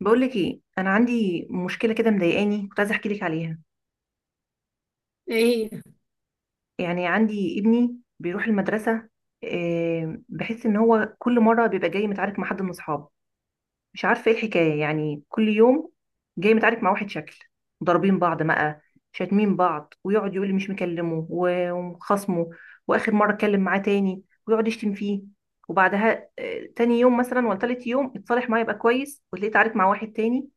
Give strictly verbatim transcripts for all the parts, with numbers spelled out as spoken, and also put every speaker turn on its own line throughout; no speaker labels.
بقولك ايه، انا عندي مشكله كده مضايقاني، كنت عايزه احكي لك عليها.
ايه هي؟
يعني عندي ابني بيروح المدرسه. آه، بحس ان هو كل مره بيبقى جاي متعارك مع حد من اصحابه. مش عارفه ايه الحكايه، يعني كل يوم جاي متعارك مع واحد شكل. ضاربين بعض بقى، شاتمين بعض، ويقعد يقول لي مش مكلمه و- وخصمه. واخر مره اتكلم معاه تاني ويقعد يشتم فيه. وبعدها آه، تاني يوم مثلا ولا تالت يوم اتصالح معاه يبقى كويس، وتلاقيه اتعارك مع واحد تاني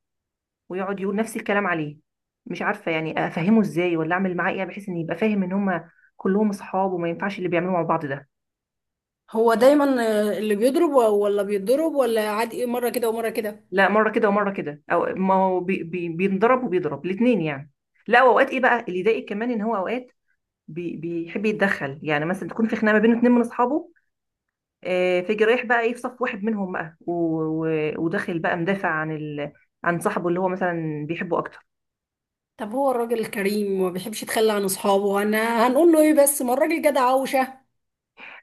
ويقعد يقول نفس الكلام عليه. مش عارفه يعني افهمه ازاي ولا اعمل معاه ايه، بحيث ان يبقى فاهم ان هما كلهم اصحاب وما ينفعش اللي بيعملوه مع بعض ده.
هو دايما آه، اللي بيضرب و- ولا بيتضرب ولا عادي إيه، مرة كده ومرة كده.
لا، مره كده ومره كده، او ما هو بي بي بينضرب وبيضرب الاثنين يعني. لا، واوقات ايه بقى اللي يضايق كمان، ان هو اوقات بي بيحب يتدخل، يعني مثلا تكون في خناقه ما بين اتنين من اصحابه. آه، فيجي رايح بقى ايه، في صف واحد منهم بقى، و- و- وداخل بقى مدافع عن ال... عن صاحبه اللي هو مثلا بيحبه اكتر.
طب هو الراجل الكريم ما بيحبش يتخلى عن اصحابه، انا هنقول له ايه؟ بس ما الراجل جدع عوشة.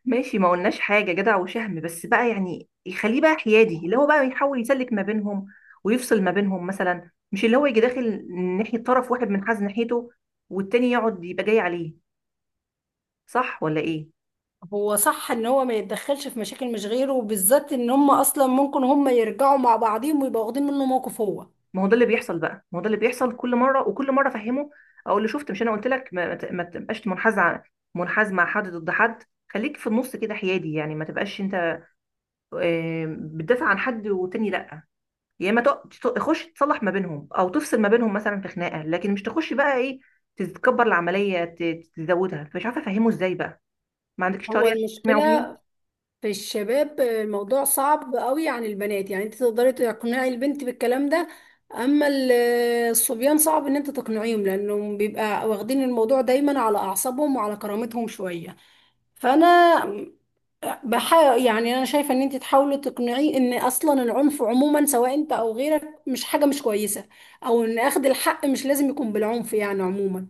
ماشي، ما قلناش حاجة، جدع وشهم، بس بقى يعني يخليه بقى حيادي، اللي هو بقى يحاول يسلك ما بينهم ويفصل ما بينهم مثلا، مش اللي هو يجي داخل ناحية طرف واحد منحاز ناحيته، والتاني يقعد يبقى جاي عليه. صح ولا ايه؟
هو صح ان هو ما يتدخلش في مشاكل مش غيره، وبالذات ان هم اصلا ممكن هم يرجعوا مع بعضهم ويبقوا واخدين منه موقف هو.
ما هو ده اللي بيحصل بقى، ما هو ده اللي بيحصل كل مرة، وكل مرة افهمه، اقول له شفت؟ مش انا قلت لك ما, ما ت- ما تبقاش منحاز ع- منحاز مع حد ضد حد. خليك في النص كده حيادي، يعني ما تبقاش انت آه، بتدافع عن حد والتاني لا. يا اما تق- تق- تخش تصلح ما بينهم او تفصل ما بينهم مثلا في خناقه، لكن مش تخش بقى ايه، تتكبر العمليه، ت- تزودها، فمش عارفه افهمه ازاي بقى. ما عندكش
هو
طريقه تقنعه بيها؟
المشكلة في الشباب الموضوع صعب قوي عن البنات، يعني انت تقدري تقنعي البنت بالكلام ده، اما ال- الصبيان صعب ان انت تقنعيهم لانهم بيبقى واخدين الموضوع دايما على اعصابهم وعلى كرامتهم شوية. فانا بحاول، يعني انا شايفة ان انت تحاولي تقنعيه ان اصلا العنف عموما، سواء انت او غيرك، مش حاجة مش كويسة، او ان اخذ الحق مش لازم يكون بالعنف يعني عموما.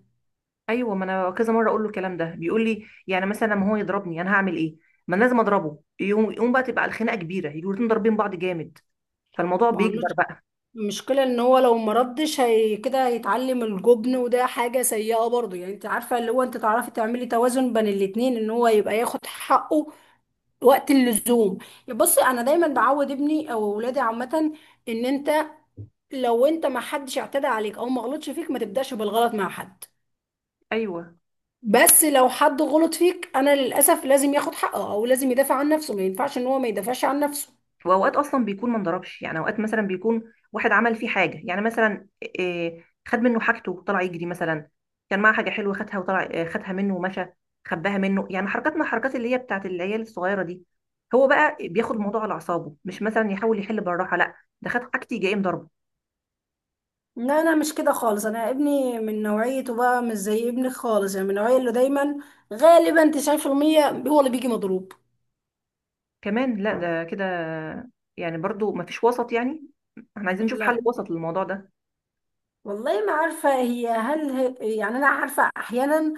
ايوه، ما انا كذا مره اقول له الكلام ده، بيقول لي يعني مثلا لما هو يضربني انا هعمل ايه؟ ما أنا لازم اضربه، يقوم يقوم بقى تبقى الخناقه كبيره، يجوا الاتنين ضاربين بعض جامد، فالموضوع
ما هو
بيكبر بقى.
المشكلة ان هو لو مردش هي كده هيتعلم الجبن، وده حاجة سيئة برضه. يعني انت عارفة، اللي هو انت تعرفي تعملي توازن بين الاتنين ان هو يبقى ياخد حقه وقت اللزوم. بصي، انا دايما بعود ابني او ولادي عامة ان انت لو انت ما حدش اعتدى عليك او ما غلطش فيك، ما تبدأش بالغلط مع حد،
ايوه،
بس لو حد غلط فيك انا للاسف لازم ياخد حقه، او لازم يدافع عن نفسه. ما ينفعش ان هو ما يدافعش عن نفسه.
واوقات اصلا بيكون ما انضربش، يعني اوقات مثلا بيكون واحد عمل فيه حاجه، يعني مثلا إيه، خد منه حاجته وطلع يجري مثلا. كان معاه حاجه حلوه، خدها وطلع، آه، خدها منه ومشى، خباها منه، يعني حركات من الحركات اللي هي بتاعت العيال الصغيره دي. هو بقى بياخد الموضوع على اعصابه، مش مثلا يحاول يحل بالراحه، لا، ده خد حاجتي جاي مضربه
لا، انا مش كده خالص، انا ابني من نوعيته بقى مش زي ابنك خالص، يعني من النوعيه اللي دايما غالبا تسعين في المية هو اللي بيجي مضروب.
كمان. لا ده كده، يعني برضو ما فيش وسط يعني. احنا عايزين نشوف حل
لا،
وسط للموضوع ده.
والله ما عارفه، هي هل هي يعني. انا عارفه احيانا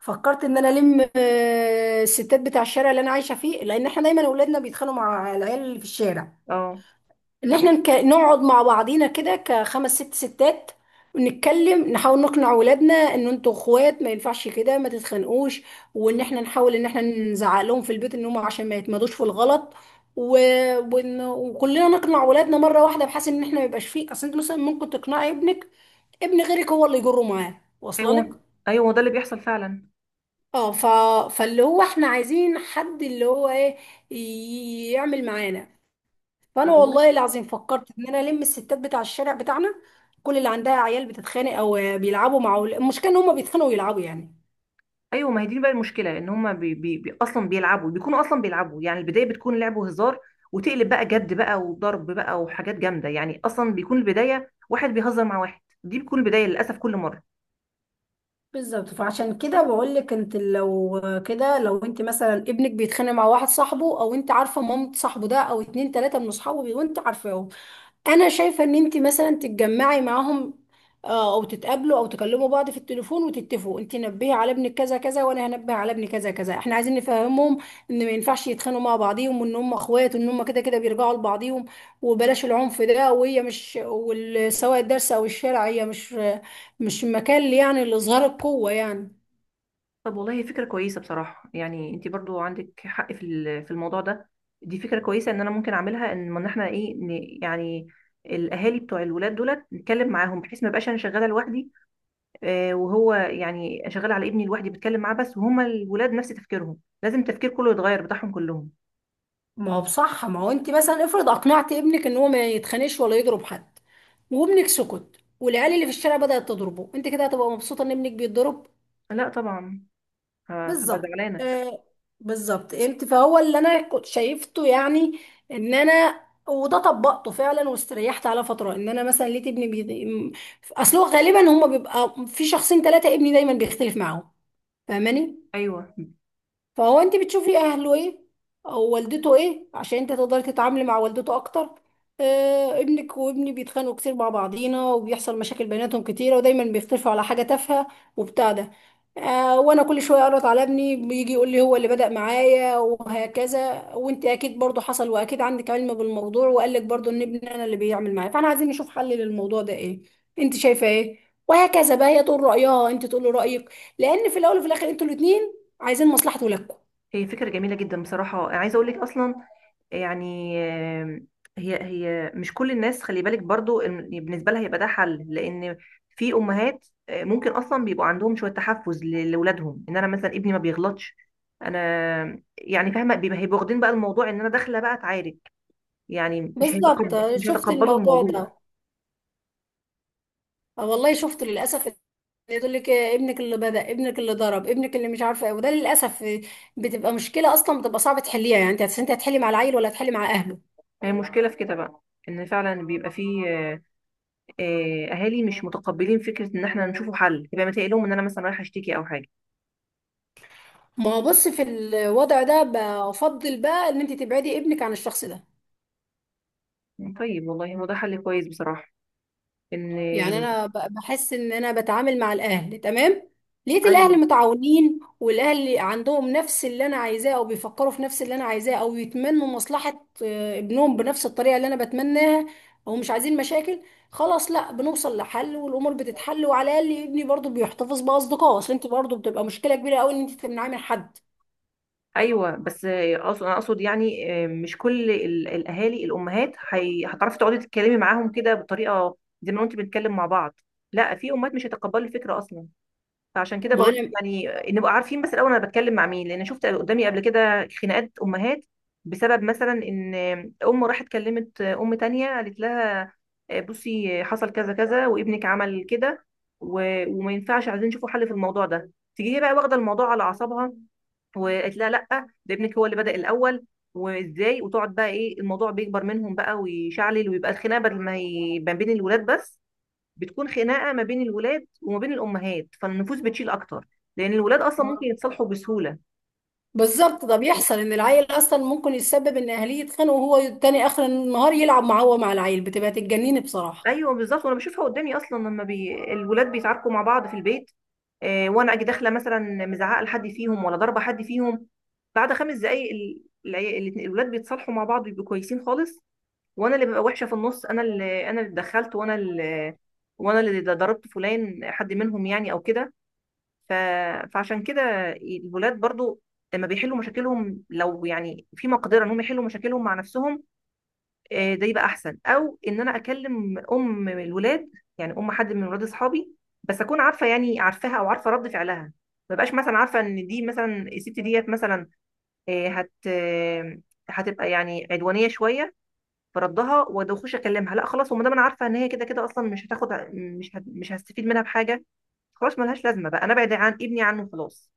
فكرت ان انا الم آه، الستات بتاع الشارع اللي انا عايشه فيه، لان احنا دايما اولادنا بيتخانقوا مع العيال اللي في الشارع،
اه.
ان احنا نك... نقعد مع بعضينا كده كخمس ست ستات ونتكلم، نحاول نقنع اولادنا ان انتوا اخوات، ما ينفعش كده، ما تتخانقوش. وان احنا نحاول ان احنا نزعق لهم في البيت ان هم عشان ما يتمادوش في الغلط، و... ون... وكلنا نقنع اولادنا مره واحده، بحيث ان احنا ما يبقاش فيه اصل. انت مثلا ممكن تقنعي ابنك، ابن غيرك هو اللي يجره معاه واصله لك.
ايوه، ايوه، ده اللي بيحصل فعلا.
اه، ف... فاللي هو احنا عايزين حد اللي هو ايه ي- يعمل معانا. فانا
طب.
والله العظيم فكرت ان انا الم الستات بتاع الشارع بتاعنا، كل اللي عندها عيال بتتخانق او بيلعبوا مع أول- المشكله ان هم بيتخانقوا ويلعبوا يعني.
ايوه، ما هي دي بقى المشكله، ان هما بي بي بي اصلا بيلعبوا بيكونوا اصلا بيلعبوا، يعني البدايه بتكون لعب وهزار، وتقلب بقى جد بقى وضرب بقى وحاجات جامده، يعني اصلا بيكون البدايه واحد بيهزر مع واحد، دي بتكون البدايه للاسف كل مره.
بالظبط، فعشان كده بقول لك انت لو كده، لو انت مثلا ابنك بيتخانق مع واحد صاحبه، او انت عارفه مامة صاحبه ده، او اتنين تلاته من اصحابه بي- وانت عارفاهم، انا شايفه ان انت مثلا تتجمعي معاهم، آه، او تتقابلوا، او تكلموا بعض في التليفون، وتتفقوا. انت نبهي على ابنك كذا كذا، وانا هنبه على ابني كذا كذا، احنا عايزين نفهمهم ان ما ينفعش يتخانقوا مع بعضيهم، وان هم اخوات، وان هم كده كده بيرجعوا لبعضيهم. وبلاش العنف ده، وهي مش وال- سواء الدرس او الشارع، هي مش مش مكان يعني لاظهار القوه يعني.
طب والله هي فكره كويسه بصراحه، يعني انت برضو عندك حق في ال- في الموضوع ده. دي فكره كويسه ان انا ممكن اعملها، ان ما احنا ايه ن- يعني الاهالي بتوع الولاد دولت نتكلم معاهم، بحيث ما بقاش انا شغاله لوحدي، آه، وهو يعني شغال على ابني لوحدي بتكلم معاه بس، وهما الولاد نفس تفكيرهم، لازم التفكير كله يتغير بتاعهم كلهم.
ما هو بصح، ما هو انت مثلا افرض اقنعت ابنك ان هو ما يتخانقش ولا يضرب حد، وابنك سكت، والعيال اللي في الشارع بدأت تضربه، انت كده هتبقى مبسوطة ان ابنك بيتضرب؟
لا طبعا. آه، هبقى
بالظبط.
زعلانه.
آه، بالظبط. انت فهو اللي انا كنت شايفته يعني ان انا، وده طبقته فعلا واستريحت على فترة، ان انا مثلا لقيت ابني بي... اصل هو غالبا هما بيبقى في شخصين ثلاثة ابني دايما بيختلف معاهم، فاهماني؟
ايوه.
فهو انت بتشوفي اهله ايه او والدته ايه، عشان انت تقدري تتعاملي مع والدته اكتر. آه، ابنك وابني بيتخانقوا كتير مع بعضينا، وبيحصل مشاكل بيناتهم كتيره، ودايما بيختلفوا على حاجه تافهه وبتاع ده. آه، وانا كل شويه اقرط على ابني بيجي يقول لي هو اللي بدأ معايا وهكذا، وانت اكيد برضو حصل واكيد عندك علم بالموضوع، وقال لك برضو ان ابني انا اللي بيعمل معايا. فاحنا عايزين نشوف حل للموضوع ده ايه، انت شايفه ايه؟ وهكذا بقى، هي تقول رأيها، انت تقول له رأيك، لان في الاول وفي الاخر انتوا الاتنين عايزين مصلحة ولادكم.
هي فكره جميله جدا بصراحه، عايزه اقول لك اصلا، يعني آه، هي هي مش كل الناس، خلي بالك برضو إن بالنسبه لها هيبقى ده حل، لان في امهات آه، ممكن اصلا بيبقوا عندهم شويه تحفظ ل- لاولادهم، ان انا مثلا ابني ما بيغلطش، انا يعني فاهمه، بيبقى هيبقوا واخدين بقى الموضوع ان انا داخله بقى اتعارك، يعني مش
بالظبط،
هيتقبل مش
شفت
هيتقبلوا
الموضوع
الموضوع.
ده. آه، والله شفت للأسف. اللي يقول لك إيه، ابنك اللي بدأ، ابنك اللي ضرب، ابنك اللي مش عارفة ايه، وده للأسف بتبقى مشكلة، أصلا بتبقى صعب تحليها. يعني انت هت- انت هتحلي مع العيل ولا هتحلي مع أهله؟
هي مشكلة في كده بقى، ان فعلا بيبقى فيه آه، آه، اهالي مش متقبلين فكرة ان احنا نشوفوا حل، يبقى متقلهم لهم ان انا مثلا رايحة اشتكي او حاجة.
ما هو بص، في الوضع ده بفضل بقى ان انت تبعدي ابنك عن الشخص ده.
طيب والله هو ده حل كويس بصراحة. ان.
يعني انا ب- بحس ان انا بتعامل مع الاهل تمام، لقيت
ايوه.
الاهل متعاونين، والاهل عندهم نفس اللي انا عايزاه، او بيفكروا في نفس اللي انا عايزاه، او يتمنوا مصلحة آه، ابنهم بنفس الطريقة اللي انا بتمناها، او مش عايزين مشاكل، خلاص، لا، بنوصل لحل والامور بتتحل، وعلى الاقل ابني برضو بيحتفظ باصدقائه، اصل انت برضو بتبقى مشكلة كبيرة قوي ان انت تمنعيه من حد.
ايوه، بس آه، أقصد- انا اقصد، يعني آه، مش كل ال- الاهالي، الامهات هي- هتعرفي تقعدي تتكلمي معاهم كده بطريقة زي ما انت بنتكلم مع بعض. لا، في امهات مش هيتقبلوا الفكرة اصلا. فعشان كده
ما
بقول لك،
انا
يعني نبقى عارفين بس الاول انا بتكلم مع مين، لان شفت قدامي قبل كده خناقات امهات بسبب مثلا ان ام راحت كلمت ام تانية، قالت لها آه، بصي حصل كذا كذا وابنك عمل كده، و- وما ينفعش، عايزين نشوفوا حل في الموضوع ده، تيجي هي بقى واخده الموضوع على اعصابها وقالت لها لا، ده ابنك هو اللي بدأ الاول، وازاي، وتقعد بقى ايه، الموضوع بيكبر منهم بقى ويشعلل، ويبقى الخناقه بدل ما هي ما بين الولاد بس، بتكون خناقه ما بين الولاد وما بين الامهات، فالنفوس بتشيل اكتر، لان الولاد اصلا ممكن
ما-
يتصالحوا بسهوله.
بالظبط، ده بيحصل ان العيل اصلا ممكن يتسبب ان اهليه يتخانقوا، وهو تاني اخر النهار يلعب مع هو مع العيل، بتبقى تتجنني بصراحة.
ايوه بالظبط، وانا بشوفها قدامي اصلا لما بي... الولاد بيتعاركوا مع بعض في البيت، آه، وانا اجي داخله مثلا مزعقه لحد فيهم ولا ضاربه حد فيهم، بعد خمس دقائق ال... العي- الاتنين- الولاد بيتصالحوا مع بعض، بيبقوا كويسين خالص، وانا اللي ببقى وحشه في النص، انا اللي انا اللي اتدخلت، وانا اللي وانا اللي ضربت فلان، حد منهم يعني او كده، ف... فعشان كده الولاد برضو لما بيحلوا مشاكلهم، لو يعني في مقدرة انهم يحلوا مشاكلهم مع نفسهم، آه، ده يبقى احسن، او ان انا اكلم ام الولاد، يعني ام حد من ولاد اصحابي، بس اكون عارفة يعني، عارفاها او عارفة رد فعلها. ما بقاش مثلا عارفة ان دي مثلا الست ديت مثلا، آه، هت آه، هتبقى يعني عدوانية شوية في ردها، واخش اكلمها؟ لا خلاص، وما دام انا عارفه ان هي كده كده اصلا مش هتاخد، مش هت- مش هستفيد منها بحاجه، خلاص ملهاش لازمه بقى، انا ابعد عن ابني، عنه خلاص.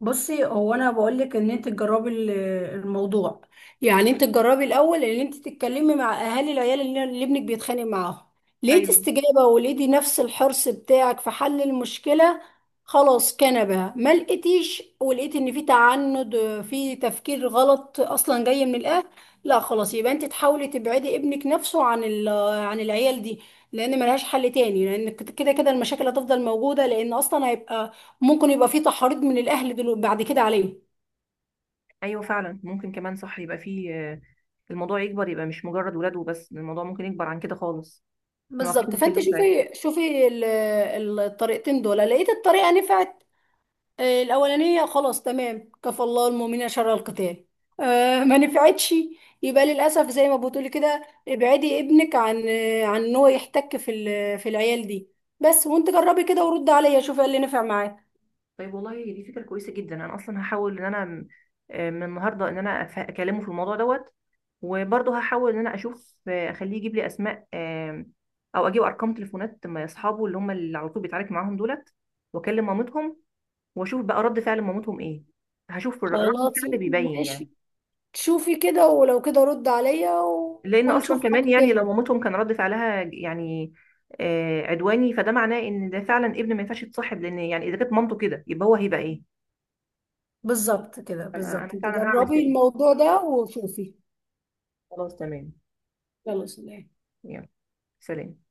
بصي، هو انا بقول لك ان انت تجربي ال- الموضوع. يعني انت تجربي الاول ان انت تتكلمي مع اهالي العيال اللي اللي ابنك بيتخانق معاهم، لقيتي
ايوه.
استجابه ولقيتي نفس الحرص بتاعك في حل المشكله، خلاص كنبه. ما لقيتيش، ولقيتي ان في تعنت، في تفكير غلط اصلا جاي من الاهل، لا خلاص، يبقى انت تحاولي تبعدي ابنك نفسه عن ال- عن العيال دي، لان ملهاش حل تاني، لان كده كده المشاكل هتفضل موجوده، لان اصلا هيبقى ممكن يبقى في تحريض من الاهل دلو- بعد كده عليه.
ايوه فعلا ممكن كمان، صح، يبقى فيه آه، الموضوع يكبر، يبقى مش مجرد ولاد وبس، الموضوع ممكن يكبر عن كده خالص. ما نعرفش
بالظبط، فانت
نحله ساعتها.
شوفي شوفي ال- ال- الطريقتين دول، لقيت الطريقه نفعت، آه، الاولانيه، خلاص تمام، كفى الله المؤمنين شر القتال. آه، ما نفعتش، يبقى للاسف زي ما بتقولي كده، ابعدي ابنك عن آه، عن ان هو يحتك في ال- في العيال دي بس. وانت جربي كده ورد عليا، شوفي إيه اللي نفع معاك.
طيب والله دي فكره كويسه جدا، انا اصلا هحاول ان انا م- آه، من النهارده ان انا أف- اكلمه في الموضوع دوت، وبرضه هحاول ان انا اشوف، آه، اخليه يجيب لي اسماء، آه، او اجيب ارقام تليفونات م- اصحابه اللي هم اللي على طول بيتعارك معاهم دولت، واكلم مامتهم، واشوف بقى رد فعل مامتهم ايه. هشوف الر- رد
خلاص،
الفعل بيبين يعني،
ماشي، شوفي كده، ولو كده رد عليا و-
لان
ونشوف
اصلا كمان،
حاجه
يعني لو
تاني.
مامتهم كان رد فعلها يعني آه، عدواني، فده معناه ان ده فعلا ابن ما ينفعش يتصاحب، لان يعني اذا كانت مامته كده يبقى هو هيبقى ايه.
بالظبط كده،
انا أنا
بالظبط، انت
فعلا هعمل
جربي
كده.
الموضوع ده وشوفي.
خلاص تمام.
يلا، سلام.
يلا سلام.